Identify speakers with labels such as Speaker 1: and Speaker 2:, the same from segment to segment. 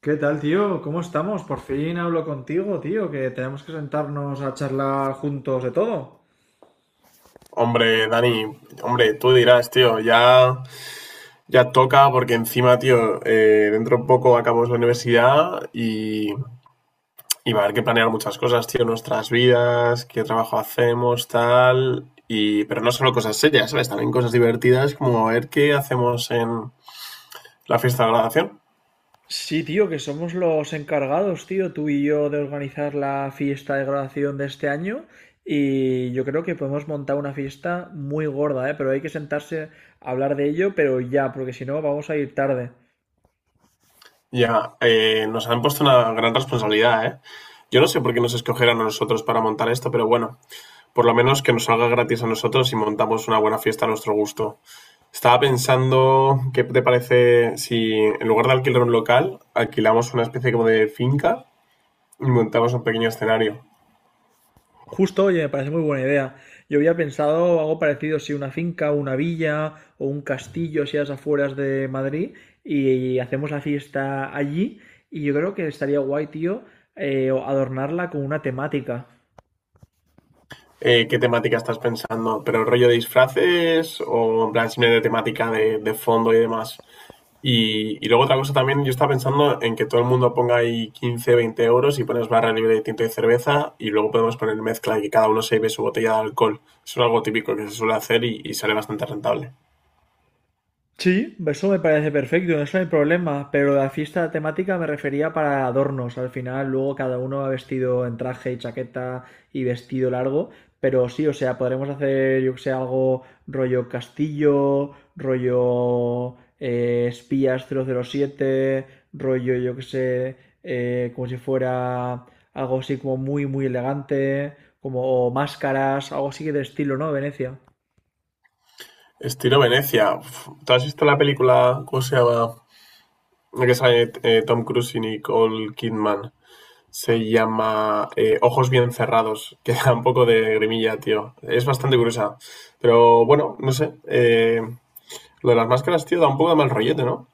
Speaker 1: ¿Qué tal, tío? ¿Cómo estamos? Por fin hablo contigo, tío, que tenemos que sentarnos a charlar juntos de todo.
Speaker 2: Hombre, Dani, hombre, tú dirás, tío, ya, ya toca porque encima, tío, dentro de poco acabamos la universidad y va a haber que planear muchas cosas, tío, nuestras vidas, qué trabajo hacemos, tal, pero no solo cosas serias, ¿sabes? También cosas divertidas como a ver qué hacemos en la fiesta de graduación.
Speaker 1: Sí, tío, que somos los encargados, tío, tú y yo, de organizar la fiesta de graduación de este año y yo creo que podemos montar una fiesta muy gorda, ¿eh? Pero hay que sentarse a hablar de ello, pero ya, porque si no vamos a ir tarde.
Speaker 2: Ya, nos han puesto una gran responsabilidad, ¿eh? Yo no sé por qué nos escogieron a nosotros para montar esto, pero bueno, por lo menos que nos salga gratis a nosotros y montamos una buena fiesta a nuestro gusto. Estaba pensando, ¿qué te parece si en lugar de alquilar un local, alquilamos una especie como de finca y montamos un pequeño escenario?
Speaker 1: Justo, oye, me parece muy buena idea. Yo había pensado algo parecido, si una finca, una villa o un castillo, si a las afueras de Madrid, y hacemos la fiesta allí. Y yo creo que estaría guay, tío, adornarla con una temática.
Speaker 2: ¿Qué temática estás pensando? ¿Pero rollo de disfraces o en plan simplemente temática de fondo y demás? Y luego otra cosa también, yo estaba pensando en que todo el mundo ponga ahí 15, 20€ y pones barra libre de tinto y cerveza y luego podemos poner mezcla y que cada uno se lleve su botella de alcohol. Eso es algo típico que se suele hacer y sale bastante rentable.
Speaker 1: Sí, eso me parece perfecto, eso no hay problema, pero la fiesta temática me refería para adornos. Al final, luego cada uno va vestido en traje y chaqueta y vestido largo, pero sí, o sea, podremos hacer, yo que sé, algo rollo castillo, rollo espías 007, rollo, yo que sé, como si fuera algo así como muy, muy elegante, como o máscaras, algo así de estilo, ¿no? Venecia.
Speaker 2: Estilo Venecia. Uf, ¿tú has visto la película, cómo se llama? La que sale Tom Cruise y Nicole Kidman. Se llama Ojos bien cerrados, que da un poco de grimilla, tío. Es bastante gruesa. Pero bueno, no sé. Lo de las máscaras, tío, da un poco de mal rollete, ¿no?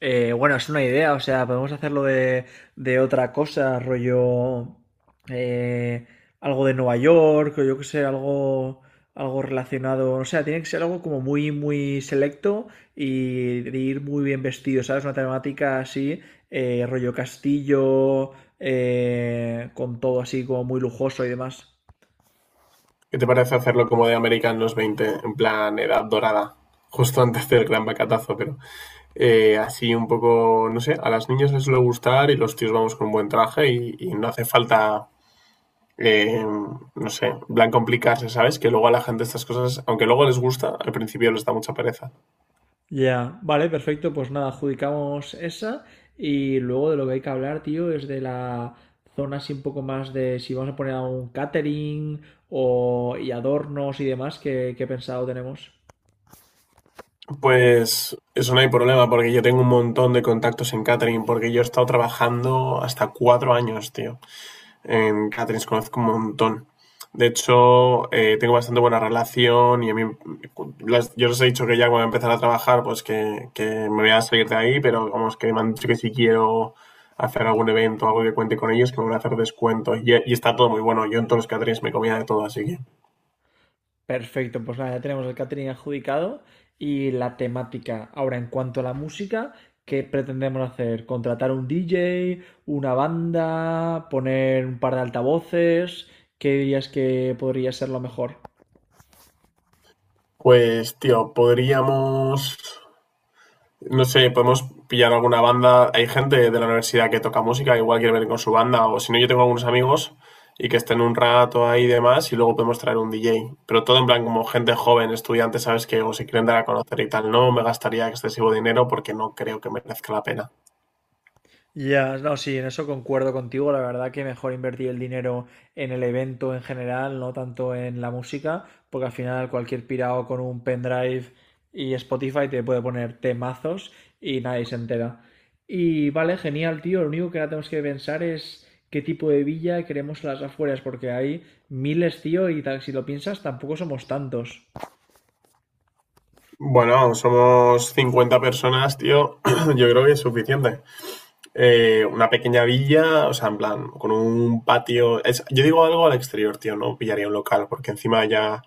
Speaker 1: Bueno, es una idea, o sea, podemos hacerlo de, otra cosa, rollo eh, algo de Nueva York, o yo qué sé, algo, algo relacionado, o sea, tiene que ser algo como muy, muy selecto y de ir muy bien vestido, ¿sabes? Una temática así, rollo castillo, con todo así como muy lujoso y demás.
Speaker 2: ¿Qué te parece hacerlo como de América en los 20, en plan edad dorada? Justo antes del gran bacatazo, pero así un poco, no sé, a las niñas les suele gustar y los tíos vamos con un buen traje y no hace falta eh, no sé, en plan complicarse, ¿sabes? Que luego a la gente estas cosas, aunque luego les gusta, al principio les da mucha pereza.
Speaker 1: Ya, vale, perfecto. Pues nada, adjudicamos esa. Y luego de lo que hay que hablar, tío, es de la zona así un poco más de si vamos a poner algún catering o, y adornos y demás que, pensado tenemos.
Speaker 2: Pues eso no hay problema, porque yo tengo un montón de contactos en catering, porque yo he estado trabajando hasta 4 años, tío. En caterings conozco un montón. De hecho, tengo bastante buena relación y a mí, yo les he dicho que ya cuando empezar a trabajar, pues que me voy a salir de ahí, pero vamos, que me han dicho que si quiero hacer algún evento, algo que cuente con ellos, que me van a hacer descuento. Y está todo muy bueno. Yo en todos los caterings me comía de todo, así que.
Speaker 1: Perfecto, pues nada, ya tenemos el catering adjudicado y la temática. Ahora, en cuanto a la música, ¿qué pretendemos hacer? ¿Contratar un DJ, una banda, poner un par de altavoces? ¿Qué dirías que podría ser lo mejor?
Speaker 2: Pues, tío, podríamos. No sé, podemos pillar alguna banda. Hay gente de la universidad que toca música, igual quiere venir con su banda, o si no, yo tengo algunos amigos y que estén un rato ahí y demás, y luego podemos traer un DJ. Pero todo en plan como gente joven, estudiantes, ¿sabes? Que o si quieren dar a conocer y tal, no me gastaría excesivo dinero porque no creo que merezca la pena.
Speaker 1: Ya, no, sí, en eso concuerdo contigo. La verdad que mejor invertir el dinero en el evento en general, no tanto en la música, porque al final cualquier pirado con un pendrive y Spotify te puede poner temazos y nadie se entera. Y vale, genial, tío. Lo único que ahora tenemos que pensar es qué tipo de villa queremos a las afueras, porque hay miles, tío, y tal, si lo piensas, tampoco somos tantos.
Speaker 2: Bueno, somos 50 personas, tío. Yo creo que es suficiente. Una pequeña villa, o sea, en plan, con un patio. Yo digo algo al exterior, tío, no pillaría un local, porque encima ya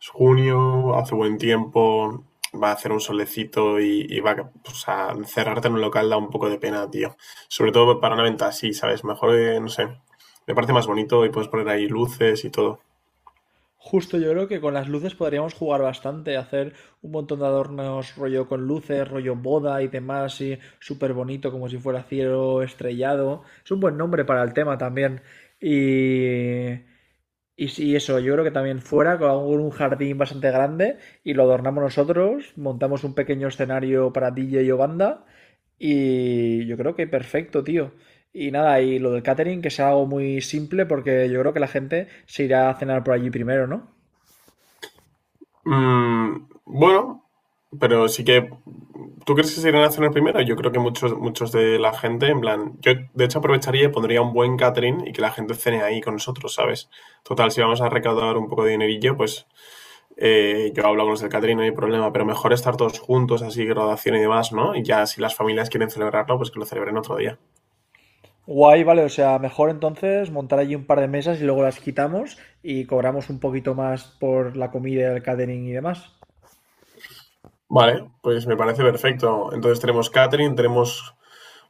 Speaker 2: es junio, hace buen tiempo, va a hacer un solecito y va a. O sea, encerrarte en un local da un poco de pena, tío. Sobre todo para una venta así, ¿sabes? Mejor, no sé. Me parece más bonito y puedes poner ahí luces y todo.
Speaker 1: Justo yo creo que con las luces podríamos jugar bastante, hacer un montón de adornos rollo con luces, rollo boda y demás, y súper bonito, como si fuera cielo estrellado. Es un buen nombre para el tema también. Y, sí, eso, yo creo que también fuera con un jardín bastante grande y lo adornamos nosotros, montamos un pequeño escenario para DJ y banda y yo creo que perfecto, tío. Y nada, y lo del catering que sea algo muy simple porque yo creo que la gente se irá a cenar por allí primero, ¿no?
Speaker 2: Mm, bueno, pero sí que. ¿Tú crees que se irán a cenar primero? Yo creo que muchos de la gente, en plan. Yo, de hecho, aprovecharía y pondría un buen catering y que la gente cene ahí con nosotros, ¿sabes? Total, si vamos a recaudar un poco de dinerillo, pues yo hablo con los del catering, no hay problema, pero mejor estar todos juntos, así, graduación y demás, ¿no? Y ya si las familias quieren celebrarlo, pues que lo celebren otro día.
Speaker 1: Guay, vale, o sea, mejor entonces montar allí un par de mesas y luego las quitamos y cobramos un poquito más por la comida, el catering y demás.
Speaker 2: Vale, pues me parece perfecto. Entonces tenemos catering, tenemos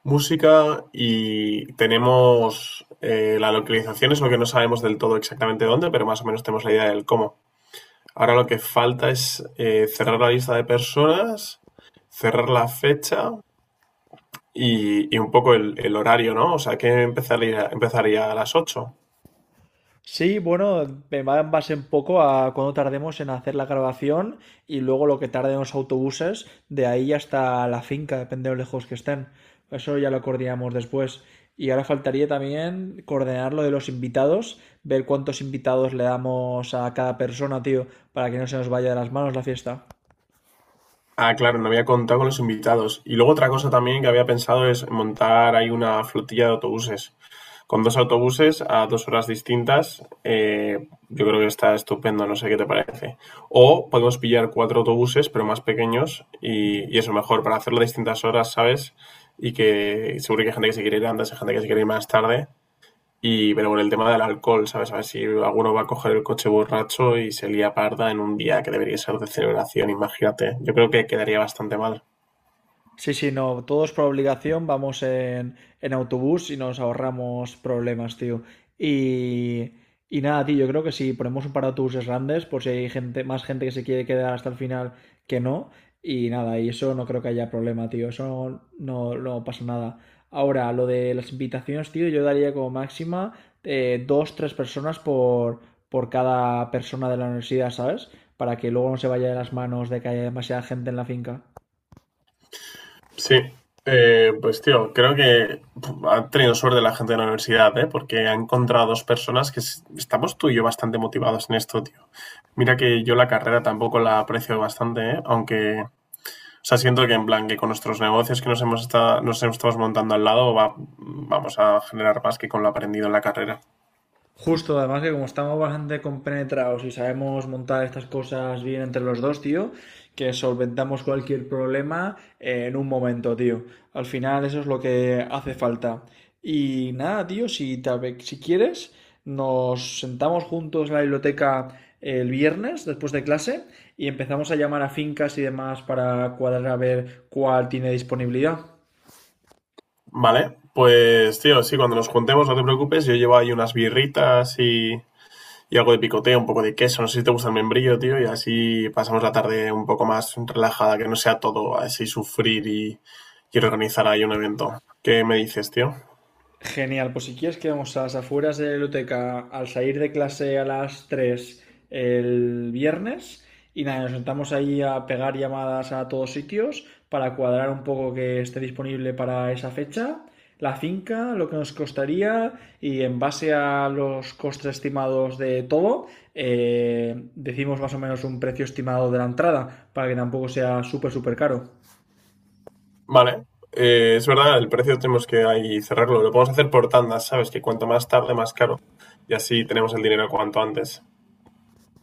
Speaker 2: música y tenemos la localización, es lo que no sabemos del todo exactamente dónde, pero más o menos tenemos la idea del cómo. Ahora lo que falta es cerrar la lista de personas, cerrar la fecha y un poco el horario, ¿no? O sea, que empezaría a las 8.
Speaker 1: Sí, bueno, me va en base un poco a cuando tardemos en hacer la grabación y luego lo que tarden los autobuses de ahí hasta la finca, depende de lo lejos que estén. Eso ya lo coordinamos después. Y ahora faltaría también coordinar lo de los invitados, ver cuántos invitados le damos a cada persona, tío, para que no se nos vaya de las manos la fiesta.
Speaker 2: Ah, claro, no había contado con los invitados. Y luego otra cosa también que había pensado es montar ahí una flotilla de autobuses, con dos autobuses a 2 horas distintas, yo creo que está estupendo, no sé qué te parece. O podemos pillar cuatro autobuses, pero más pequeños, y eso mejor, para hacerlo a distintas horas, ¿sabes? Y que seguro que hay gente que se quiere ir antes, hay gente que se quiere ir más tarde. Pero con el tema del alcohol, ¿sabes? A ver si alguno va a coger el coche borracho y se lía parda en un día que debería ser de celebración, imagínate. Yo creo que quedaría bastante mal.
Speaker 1: Sí, sí, no, todos por obligación vamos en autobús y nos ahorramos problemas, tío. Y, nada, tío, yo creo que si ponemos un par de autobuses grandes, por si hay gente, más gente que se quiere quedar hasta el final que no. Y nada, y eso no creo que haya problema, tío. Eso no, no, no pasa nada. Ahora, lo de las invitaciones, tío, yo daría como máxima dos, tres personas por, cada persona de la universidad, ¿sabes? Para que luego no se vaya de las manos de que haya demasiada gente en la finca.
Speaker 2: Sí, pues tío, creo que ha tenido suerte la gente de la universidad, ¿eh? Porque ha encontrado dos personas estamos tú y yo bastante motivados en esto, tío. Mira que yo la carrera tampoco la aprecio bastante, ¿eh? Aunque, o sea, siento que en plan que con nuestros negocios que nos hemos estado montando al lado vamos a generar más que con lo aprendido en la carrera.
Speaker 1: Justo, además que como estamos bastante compenetrados y sabemos montar estas cosas bien entre los dos, tío, que solventamos cualquier problema en un momento, tío. Al final eso es lo que hace falta. Y nada, tío, si quieres, nos sentamos juntos en la biblioteca el viernes después de clase y empezamos a llamar a fincas y demás para cuadrar a ver cuál tiene disponibilidad.
Speaker 2: Vale, pues tío, sí, cuando nos juntemos, no te preocupes, yo llevo ahí unas birritas y algo de picoteo, un poco de queso. No sé si te gusta el membrillo, tío. Y así pasamos la tarde un poco más relajada, que no sea todo así sufrir y organizar ahí un evento. ¿Qué me dices, tío?
Speaker 1: Genial, pues si quieres quedamos a las afueras de la biblioteca al salir de clase a las 3 el viernes y nada, nos sentamos ahí a pegar llamadas a todos sitios para cuadrar un poco que esté disponible para esa fecha, la finca, lo que nos costaría y en base a los costes estimados de todo, decimos más o menos un precio estimado de la entrada para que tampoco sea súper, súper caro.
Speaker 2: Vale. Es verdad, el precio tenemos que ahí cerrarlo. Lo podemos hacer por tandas, ¿sabes? Que cuanto más tarde, más caro. Y así tenemos el dinero cuanto antes.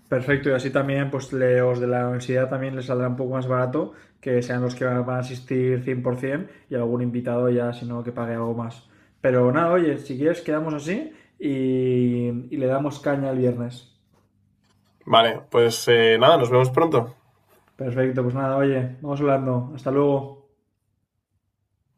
Speaker 1: Perfecto, y así también, pues los de la universidad también les saldrá un poco más barato que sean los que van a asistir 100% y algún invitado ya, si no, que pague algo más. Pero nada, oye, si quieres, quedamos así y, le damos caña el viernes.
Speaker 2: Vale, pues nada, nos vemos pronto.
Speaker 1: Perfecto, pues nada, oye, vamos hablando. Hasta luego.